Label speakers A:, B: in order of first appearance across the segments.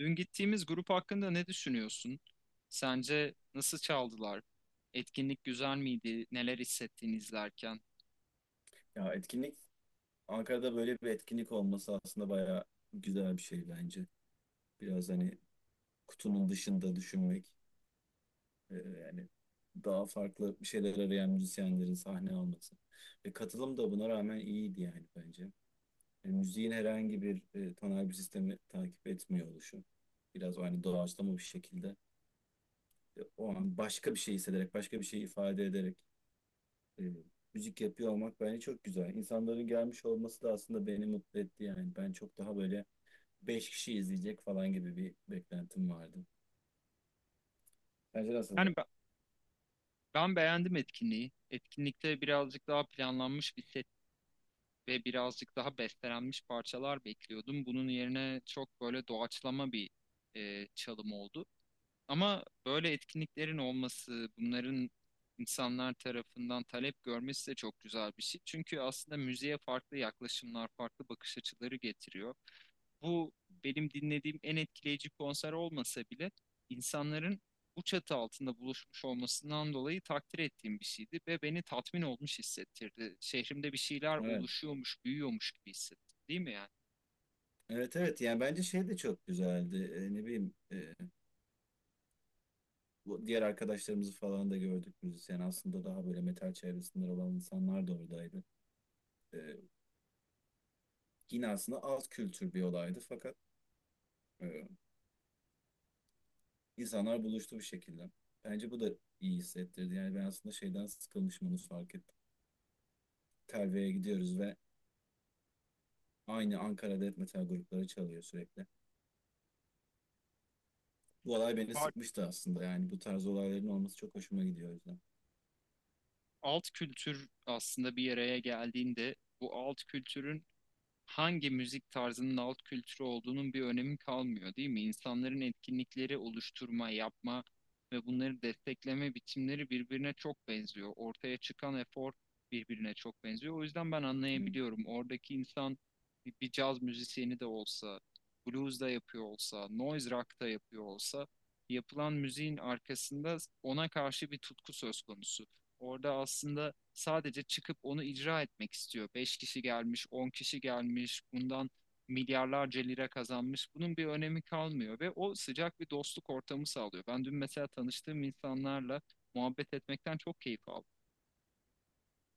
A: Dün gittiğimiz grup hakkında ne düşünüyorsun? Sence nasıl çaldılar? Etkinlik güzel miydi? Neler hissettin izlerken?
B: Etkinlik Ankara'da böyle bir etkinlik olması aslında bayağı güzel bir şey bence. Biraz kutunun dışında düşünmek, e, yani daha farklı bir şeyler arayan müzisyenlerin sahne alması. Ve katılım da buna rağmen iyiydi yani bence. Yani müziğin herhangi bir tonal bir sistemi takip etmiyor oluşu. Biraz o hani doğaçlama bir şekilde, o an başka bir şey hissederek, başka bir şey ifade ederek, e, müzik yapıyor olmak bence çok güzel. İnsanların gelmiş olması da aslında beni mutlu etti yani. Ben çok daha böyle beş kişi izleyecek falan gibi bir beklentim vardı. Bence nasıldı?
A: Yani ben beğendim etkinliği. Etkinlikte birazcık daha planlanmış bir set ve birazcık daha bestelenmiş parçalar bekliyordum. Bunun yerine çok böyle doğaçlama bir çalım oldu. Ama böyle etkinliklerin olması, bunların insanlar tarafından talep görmesi de çok güzel bir şey. Çünkü aslında müziğe farklı yaklaşımlar, farklı bakış açıları getiriyor. Bu benim dinlediğim en etkileyici konser olmasa bile insanların bu çatı altında buluşmuş olmasından dolayı takdir ettiğim bir şeydi ve beni tatmin olmuş hissettirdi. Şehrimde bir şeyler
B: Evet.
A: oluşuyormuş, büyüyormuş gibi hissettim, değil mi yani?
B: Evet, evet, yani bence şey de çok güzeldi. Ne bileyim, bu diğer arkadaşlarımızı falan da gördük müzisyen. Aslında daha böyle metal çevresinden olan insanlar da oradaydı. Ee, Yine aslında alt kültür bir olaydı fakat e, insanlar buluştu bir şekilde. Bence bu da iyi hissettirdi. Yani ben aslında şeyden sıkılmışım, onu fark ettim. Telve'ye gidiyoruz ve aynı Ankara death metal grupları çalıyor sürekli. Bu olay beni
A: Ar-
B: sıkmıştı aslında. Yani bu tarz olayların olması çok hoşuma gidiyor o yüzden.
A: Alt kültür aslında bir araya geldiğinde bu alt kültürün hangi müzik tarzının alt kültürü olduğunun bir önemi kalmıyor, değil mi? İnsanların etkinlikleri oluşturma, yapma ve bunları destekleme biçimleri birbirine çok benziyor. Ortaya çıkan efor birbirine çok benziyor. O yüzden ben
B: Hı.
A: anlayabiliyorum. Oradaki insan bir caz müzisyeni de olsa, blues da yapıyor olsa, noise rock da yapıyor olsa, yapılan müziğin arkasında ona karşı bir tutku söz konusu. Orada aslında sadece çıkıp onu icra etmek istiyor. 5 kişi gelmiş, 10 kişi gelmiş, bundan milyarlarca lira kazanmış. Bunun bir önemi kalmıyor ve o sıcak bir dostluk ortamı sağlıyor. Ben dün mesela tanıştığım insanlarla muhabbet etmekten çok keyif aldım.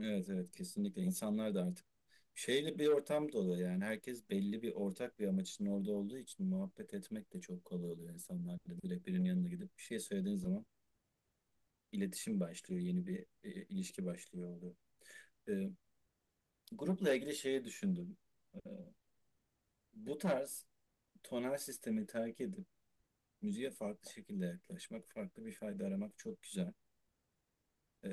B: Evet, evet, kesinlikle. İnsanlar da artık şeyle bir ortam dolu yani. Herkes belli bir ortak bir amaç için orada olduğu için muhabbet etmek de çok kolay oluyor insanlarla. Direkt birinin yanına gidip bir şey söylediğin zaman iletişim başlıyor. Yeni bir ilişki başlıyor oluyor. E, Grupla ilgili şeyi düşündüm. E, Bu tarz tonal sistemi terk edip müziğe farklı şekilde yaklaşmak, farklı bir fayda aramak çok güzel. E,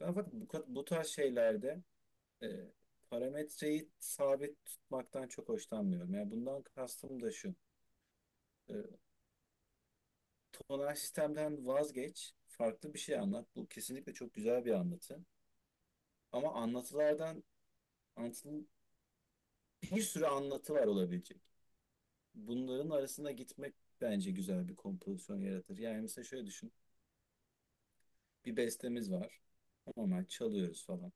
B: Ben fakat bu tarz şeylerde e, parametreyi sabit tutmaktan çok hoşlanmıyorum. Yani bundan kastım da şu. E, Tonal sistemden vazgeç, farklı bir şey anlat. Bu kesinlikle çok güzel bir anlatı. Ama anlatı- bir sürü anlatı var olabilecek. Bunların arasına gitmek bence güzel bir kompozisyon yaratır. Yani mesela şöyle düşün. Bir bestemiz var. Normal çalıyoruz falan.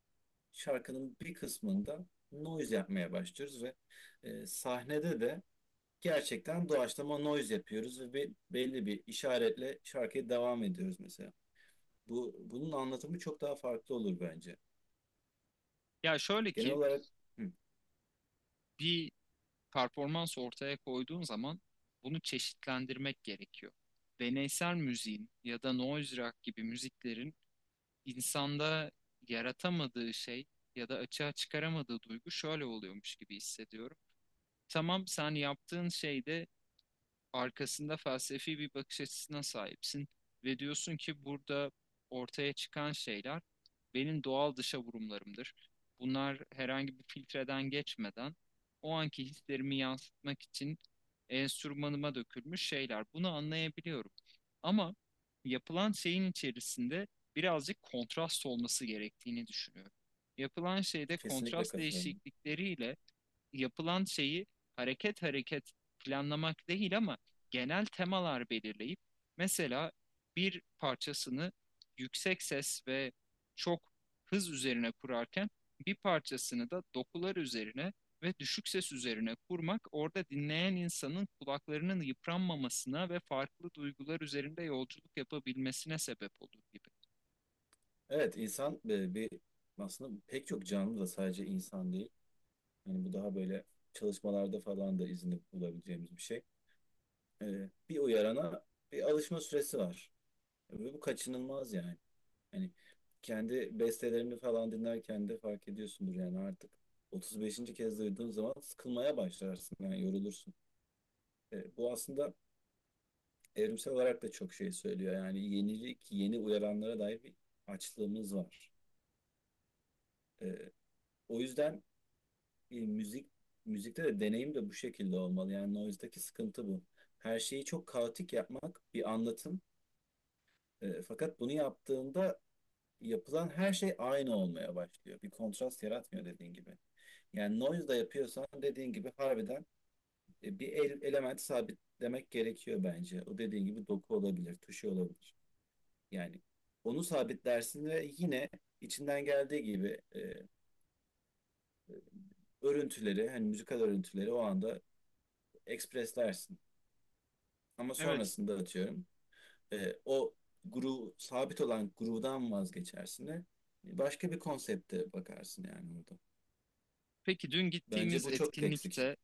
B: Şarkının bir kısmında noise yapmaya başlıyoruz ve sahnede de gerçekten doğaçlama noise yapıyoruz ve belli bir işaretle şarkıya devam ediyoruz mesela. Bunun anlatımı çok daha farklı olur bence.
A: Ya şöyle
B: Genel
A: ki
B: olarak hı,
A: bir performans ortaya koyduğun zaman bunu çeşitlendirmek gerekiyor. Deneysel müziğin ya da noise rock gibi müziklerin insanda yaratamadığı şey ya da açığa çıkaramadığı duygu şöyle oluyormuş gibi hissediyorum. Tamam, sen yaptığın şeyde arkasında felsefi bir bakış açısına sahipsin ve diyorsun ki burada ortaya çıkan şeyler benim doğal dışa vurumlarımdır. Bunlar herhangi bir filtreden geçmeden o anki hislerimi yansıtmak için enstrümanıma dökülmüş şeyler. Bunu anlayabiliyorum. Ama yapılan şeyin içerisinde birazcık kontrast olması gerektiğini düşünüyorum. Yapılan şeyde
B: kesinlikle
A: kontrast
B: katılıyorum.
A: değişiklikleriyle yapılan şeyi hareket hareket planlamak değil ama genel temalar belirleyip mesela bir parçasını yüksek ses ve çok hız üzerine kurarken bir parçasını da dokular üzerine ve düşük ses üzerine kurmak orada dinleyen insanın kulaklarının yıpranmamasına ve farklı duygular üzerinde yolculuk yapabilmesine sebep olur gibi.
B: Evet, insan e, bir aslında pek çok canlı da, sadece insan değil. Yani bu daha böyle çalışmalarda falan da izini bulabileceğimiz bir şey. Bir uyarana bir alışma süresi var. Ve bu kaçınılmaz yani. Hani kendi bestelerini falan dinlerken de fark ediyorsundur yani, artık 35. kez duyduğun zaman sıkılmaya başlarsın yani yorulursun. Bu aslında evrimsel olarak da çok şey söylüyor, yani yenilik, yeni uyaranlara dair bir açlığımız var. E, O yüzden e, müzik müzikte de deneyim de bu şekilde olmalı, yani noise'daki sıkıntı bu. Her şeyi çok kaotik yapmak bir anlatım. Fakat bunu yaptığında yapılan her şey aynı olmaya başlıyor. Bir kontrast yaratmıyor dediğin gibi. Yani noise da yapıyorsan dediğin gibi harbiden element sabitlemek gerekiyor bence. O dediğin gibi doku olabilir, tuşu olabilir. Yani onu sabitlersin ve yine içinden geldiği gibi, örüntüleri, hani müzikal örüntüleri o anda ekspreslersin. Ama
A: Evet.
B: sonrasında atıyorum o groove, sabit olan groove'dan vazgeçersin ve başka bir konsepte bakarsın yani orada.
A: Peki dün
B: Bence
A: gittiğimiz
B: bu çok eksik.
A: etkinlikte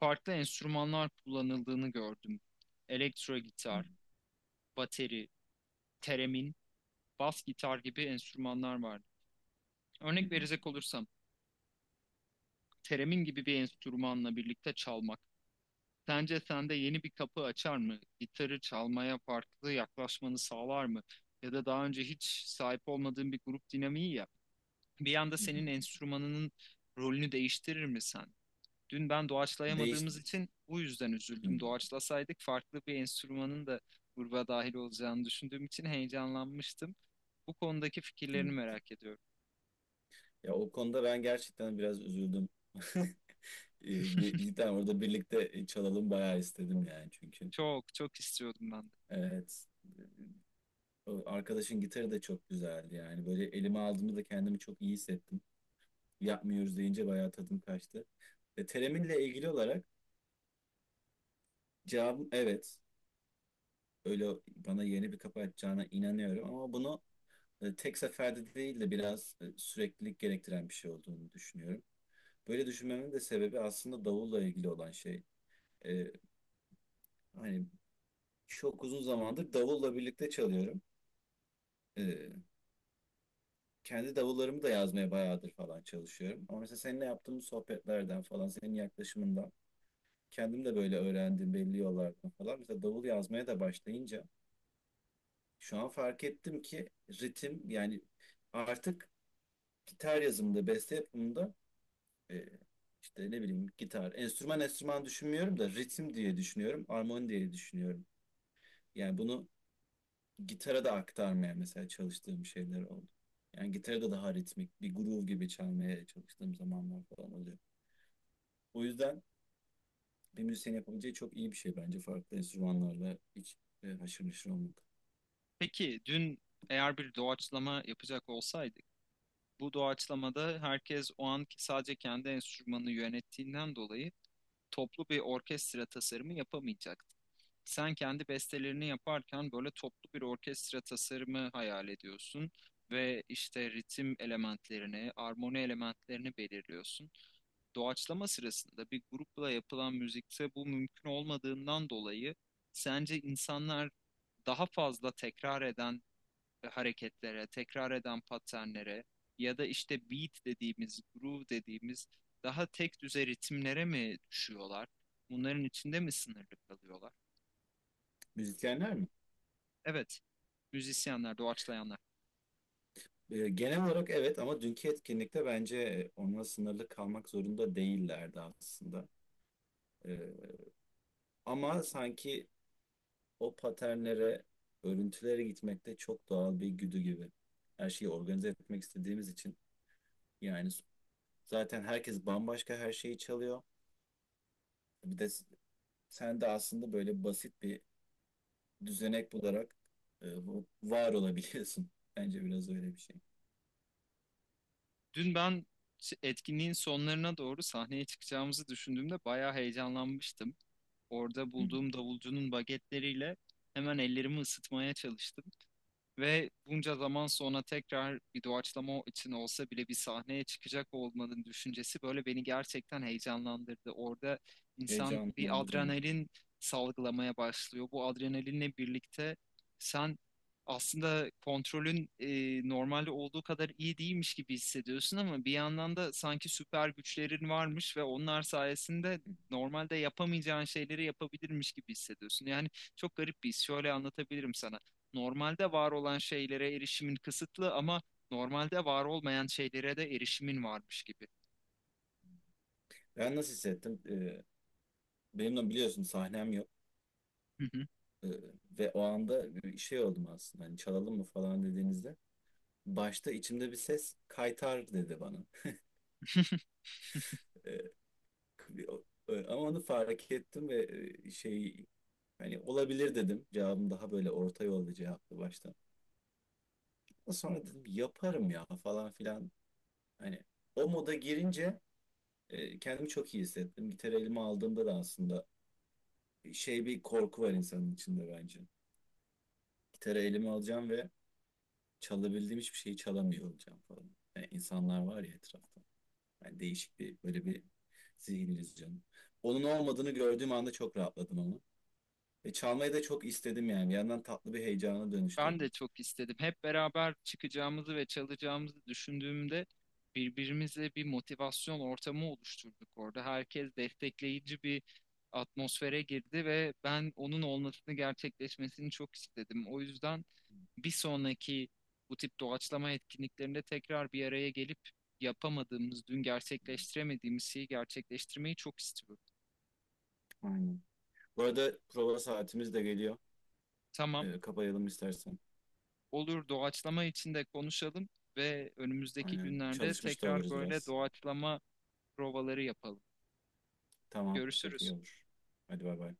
A: farklı enstrümanlar kullanıldığını gördüm. Elektro
B: Hı
A: gitar, bateri, teremin, bas gitar gibi enstrümanlar vardı. Örnek verecek olursam, teremin gibi bir enstrümanla birlikte çalmak. Sence sende yeni bir kapı açar mı? Gitarı çalmaya farklı yaklaşmanı sağlar mı? Ya da daha önce hiç sahip olmadığın bir grup dinamiği ya. Bir anda
B: hı.
A: senin enstrümanının rolünü değiştirir mi sen? Dün ben
B: Değiş...
A: doğaçlayamadığımız için bu yüzden
B: Hı
A: üzüldüm. Doğaçlasaydık farklı bir enstrümanın da gruba dahil olacağını düşündüğüm için heyecanlanmıştım. Bu konudaki
B: hı.
A: fikirlerini merak ediyorum.
B: Ya o konuda ben gerçekten biraz üzüldüm. Bir, iki tane orada birlikte çalalım bayağı istedim yani çünkü.
A: Çok çok istiyordum ben de.
B: Evet. O arkadaşın gitarı da çok güzeldi yani. Böyle elime aldığımda da kendimi çok iyi hissettim. Yapmıyoruz deyince bayağı tadım kaçtı. Tereminle ilgili olarak cevabım evet. Öyle bana yeni bir kapı açacağına inanıyorum ama bunu tek seferde değil de biraz süreklilik gerektiren bir şey olduğunu düşünüyorum. Böyle düşünmemin de sebebi aslında davulla ilgili olan şey. E, Hani Çok uzun zamandır davulla birlikte çalıyorum. Ee, Kendi davullarımı da yazmaya bayağıdır falan çalışıyorum. Ama mesela seninle yaptığımız sohbetlerden falan, senin yaklaşımından kendim de böyle öğrendim belli yollardan falan. Mesela davul yazmaya da başlayınca şu an fark ettim ki ritim yani artık gitar yazımında, beste yapımında, e, işte ne bileyim, gitar, enstrüman düşünmüyorum da ritim diye düşünüyorum, armoni diye düşünüyorum. Yani bunu gitara da aktarmaya mesela çalıştığım şeyler oldu. Yani gitara da daha ritmik bir groove gibi çalmaya çalıştığım zamanlar falan oluyor. O yüzden bir müzisyen yapabileceği çok iyi bir şey bence farklı enstrümanlarla hiç haşır neşir olmak.
A: Peki dün eğer bir doğaçlama yapacak olsaydık, bu doğaçlamada herkes o an sadece kendi enstrümanını yönettiğinden dolayı toplu bir orkestra tasarımı yapamayacaktı. Sen kendi bestelerini yaparken böyle toplu bir orkestra tasarımı hayal ediyorsun ve işte ritim elementlerini, armoni elementlerini belirliyorsun. Doğaçlama sırasında bir grupla yapılan müzikte bu mümkün olmadığından dolayı sence insanlar daha fazla tekrar eden hareketlere, tekrar eden paternlere ya da işte beat dediğimiz, groove dediğimiz daha tek düze ritimlere mi düşüyorlar? Bunların içinde mi sınırlı kalıyorlar?
B: Müzisyenler mi?
A: Evet, müzisyenler, doğaçlayanlar.
B: Genel olarak evet, ama dünkü etkinlikte bence onunla sınırlı kalmak zorunda değillerdi aslında. E, Ama sanki o paternlere, örüntülere gitmekte çok doğal bir güdü gibi. Her şeyi organize etmek istediğimiz için yani. Zaten herkes bambaşka her şeyi çalıyor. Bir de sen de aslında böyle basit bir düzenek bularak, var olabiliyorsun. Bence biraz öyle bir şey.
A: Dün ben etkinliğin sonlarına doğru sahneye çıkacağımızı düşündüğümde bayağı heyecanlanmıştım. Orada
B: Hı hı.
A: bulduğum davulcunun bagetleriyle hemen ellerimi ısıtmaya çalıştım. Ve bunca zaman sonra tekrar bir doğaçlama için olsa bile bir sahneye çıkacak olmanın düşüncesi böyle beni gerçekten heyecanlandırdı. Orada insan bir
B: Heyecanlandırdı ama.
A: adrenalin salgılamaya başlıyor. Bu adrenalinle birlikte sen aslında kontrolün normalde olduğu kadar iyi değilmiş gibi hissediyorsun ama bir yandan da sanki süper güçlerin varmış ve onlar sayesinde normalde yapamayacağın şeyleri yapabilirmiş gibi hissediyorsun. Yani çok garip bir his. Şöyle anlatabilirim sana, normalde var olan şeylere erişimin kısıtlı ama normalde var olmayan şeylere de erişimin varmış gibi.
B: Ben nasıl hissettim? Benimle biliyorsun sahnem yok.
A: Hı hı.
B: E, Ve o anda bir şey oldum aslında. Hani çalalım mı falan dediğinizde. Başta içimde bir ses kaytar dedi bana. E, o- Ama onu fark ettim ve e, şey hani olabilir dedim. Cevabım daha böyle orta yolda cevaptı başta. Sonra dedim yaparım ya falan filan. Hani o moda girince kendimi çok iyi hissettim. Gitarı elime aldığımda da aslında şey, bir korku var insanın içinde bence. Gitarı elime alacağım ve çalabildiğim hiçbir şeyi çalamıyor olacağım falan. Yani insanlar var ya etrafta. Yani değişik bir böyle bir zihin illüzyonu. Onun olmadığını gördüğüm anda çok rahatladım ama. Ve çalmayı da çok istedim yani. Bir yandan tatlı bir heyecana dönüştü.
A: Ben de çok istedim. Hep beraber çıkacağımızı ve çalacağımızı düşündüğümde birbirimize bir motivasyon ortamı oluşturduk orada. Herkes destekleyici bir atmosfere girdi ve ben onun olmasını, gerçekleşmesini çok istedim. O yüzden bir sonraki bu tip doğaçlama etkinliklerinde tekrar bir araya gelip yapamadığımız, dün gerçekleştiremediğimiz şeyi gerçekleştirmeyi çok istiyorum.
B: Aynen. Bu arada prova saatimiz de geliyor.
A: Tamam,
B: Kapayalım istersen.
A: olur, doğaçlama içinde konuşalım ve önümüzdeki
B: Aynen.
A: günlerde
B: Çalışmış da
A: tekrar
B: oluruz
A: böyle
B: biraz.
A: doğaçlama provaları yapalım.
B: Tamam. Çok iyi
A: Görüşürüz.
B: olur. Hadi bay bay.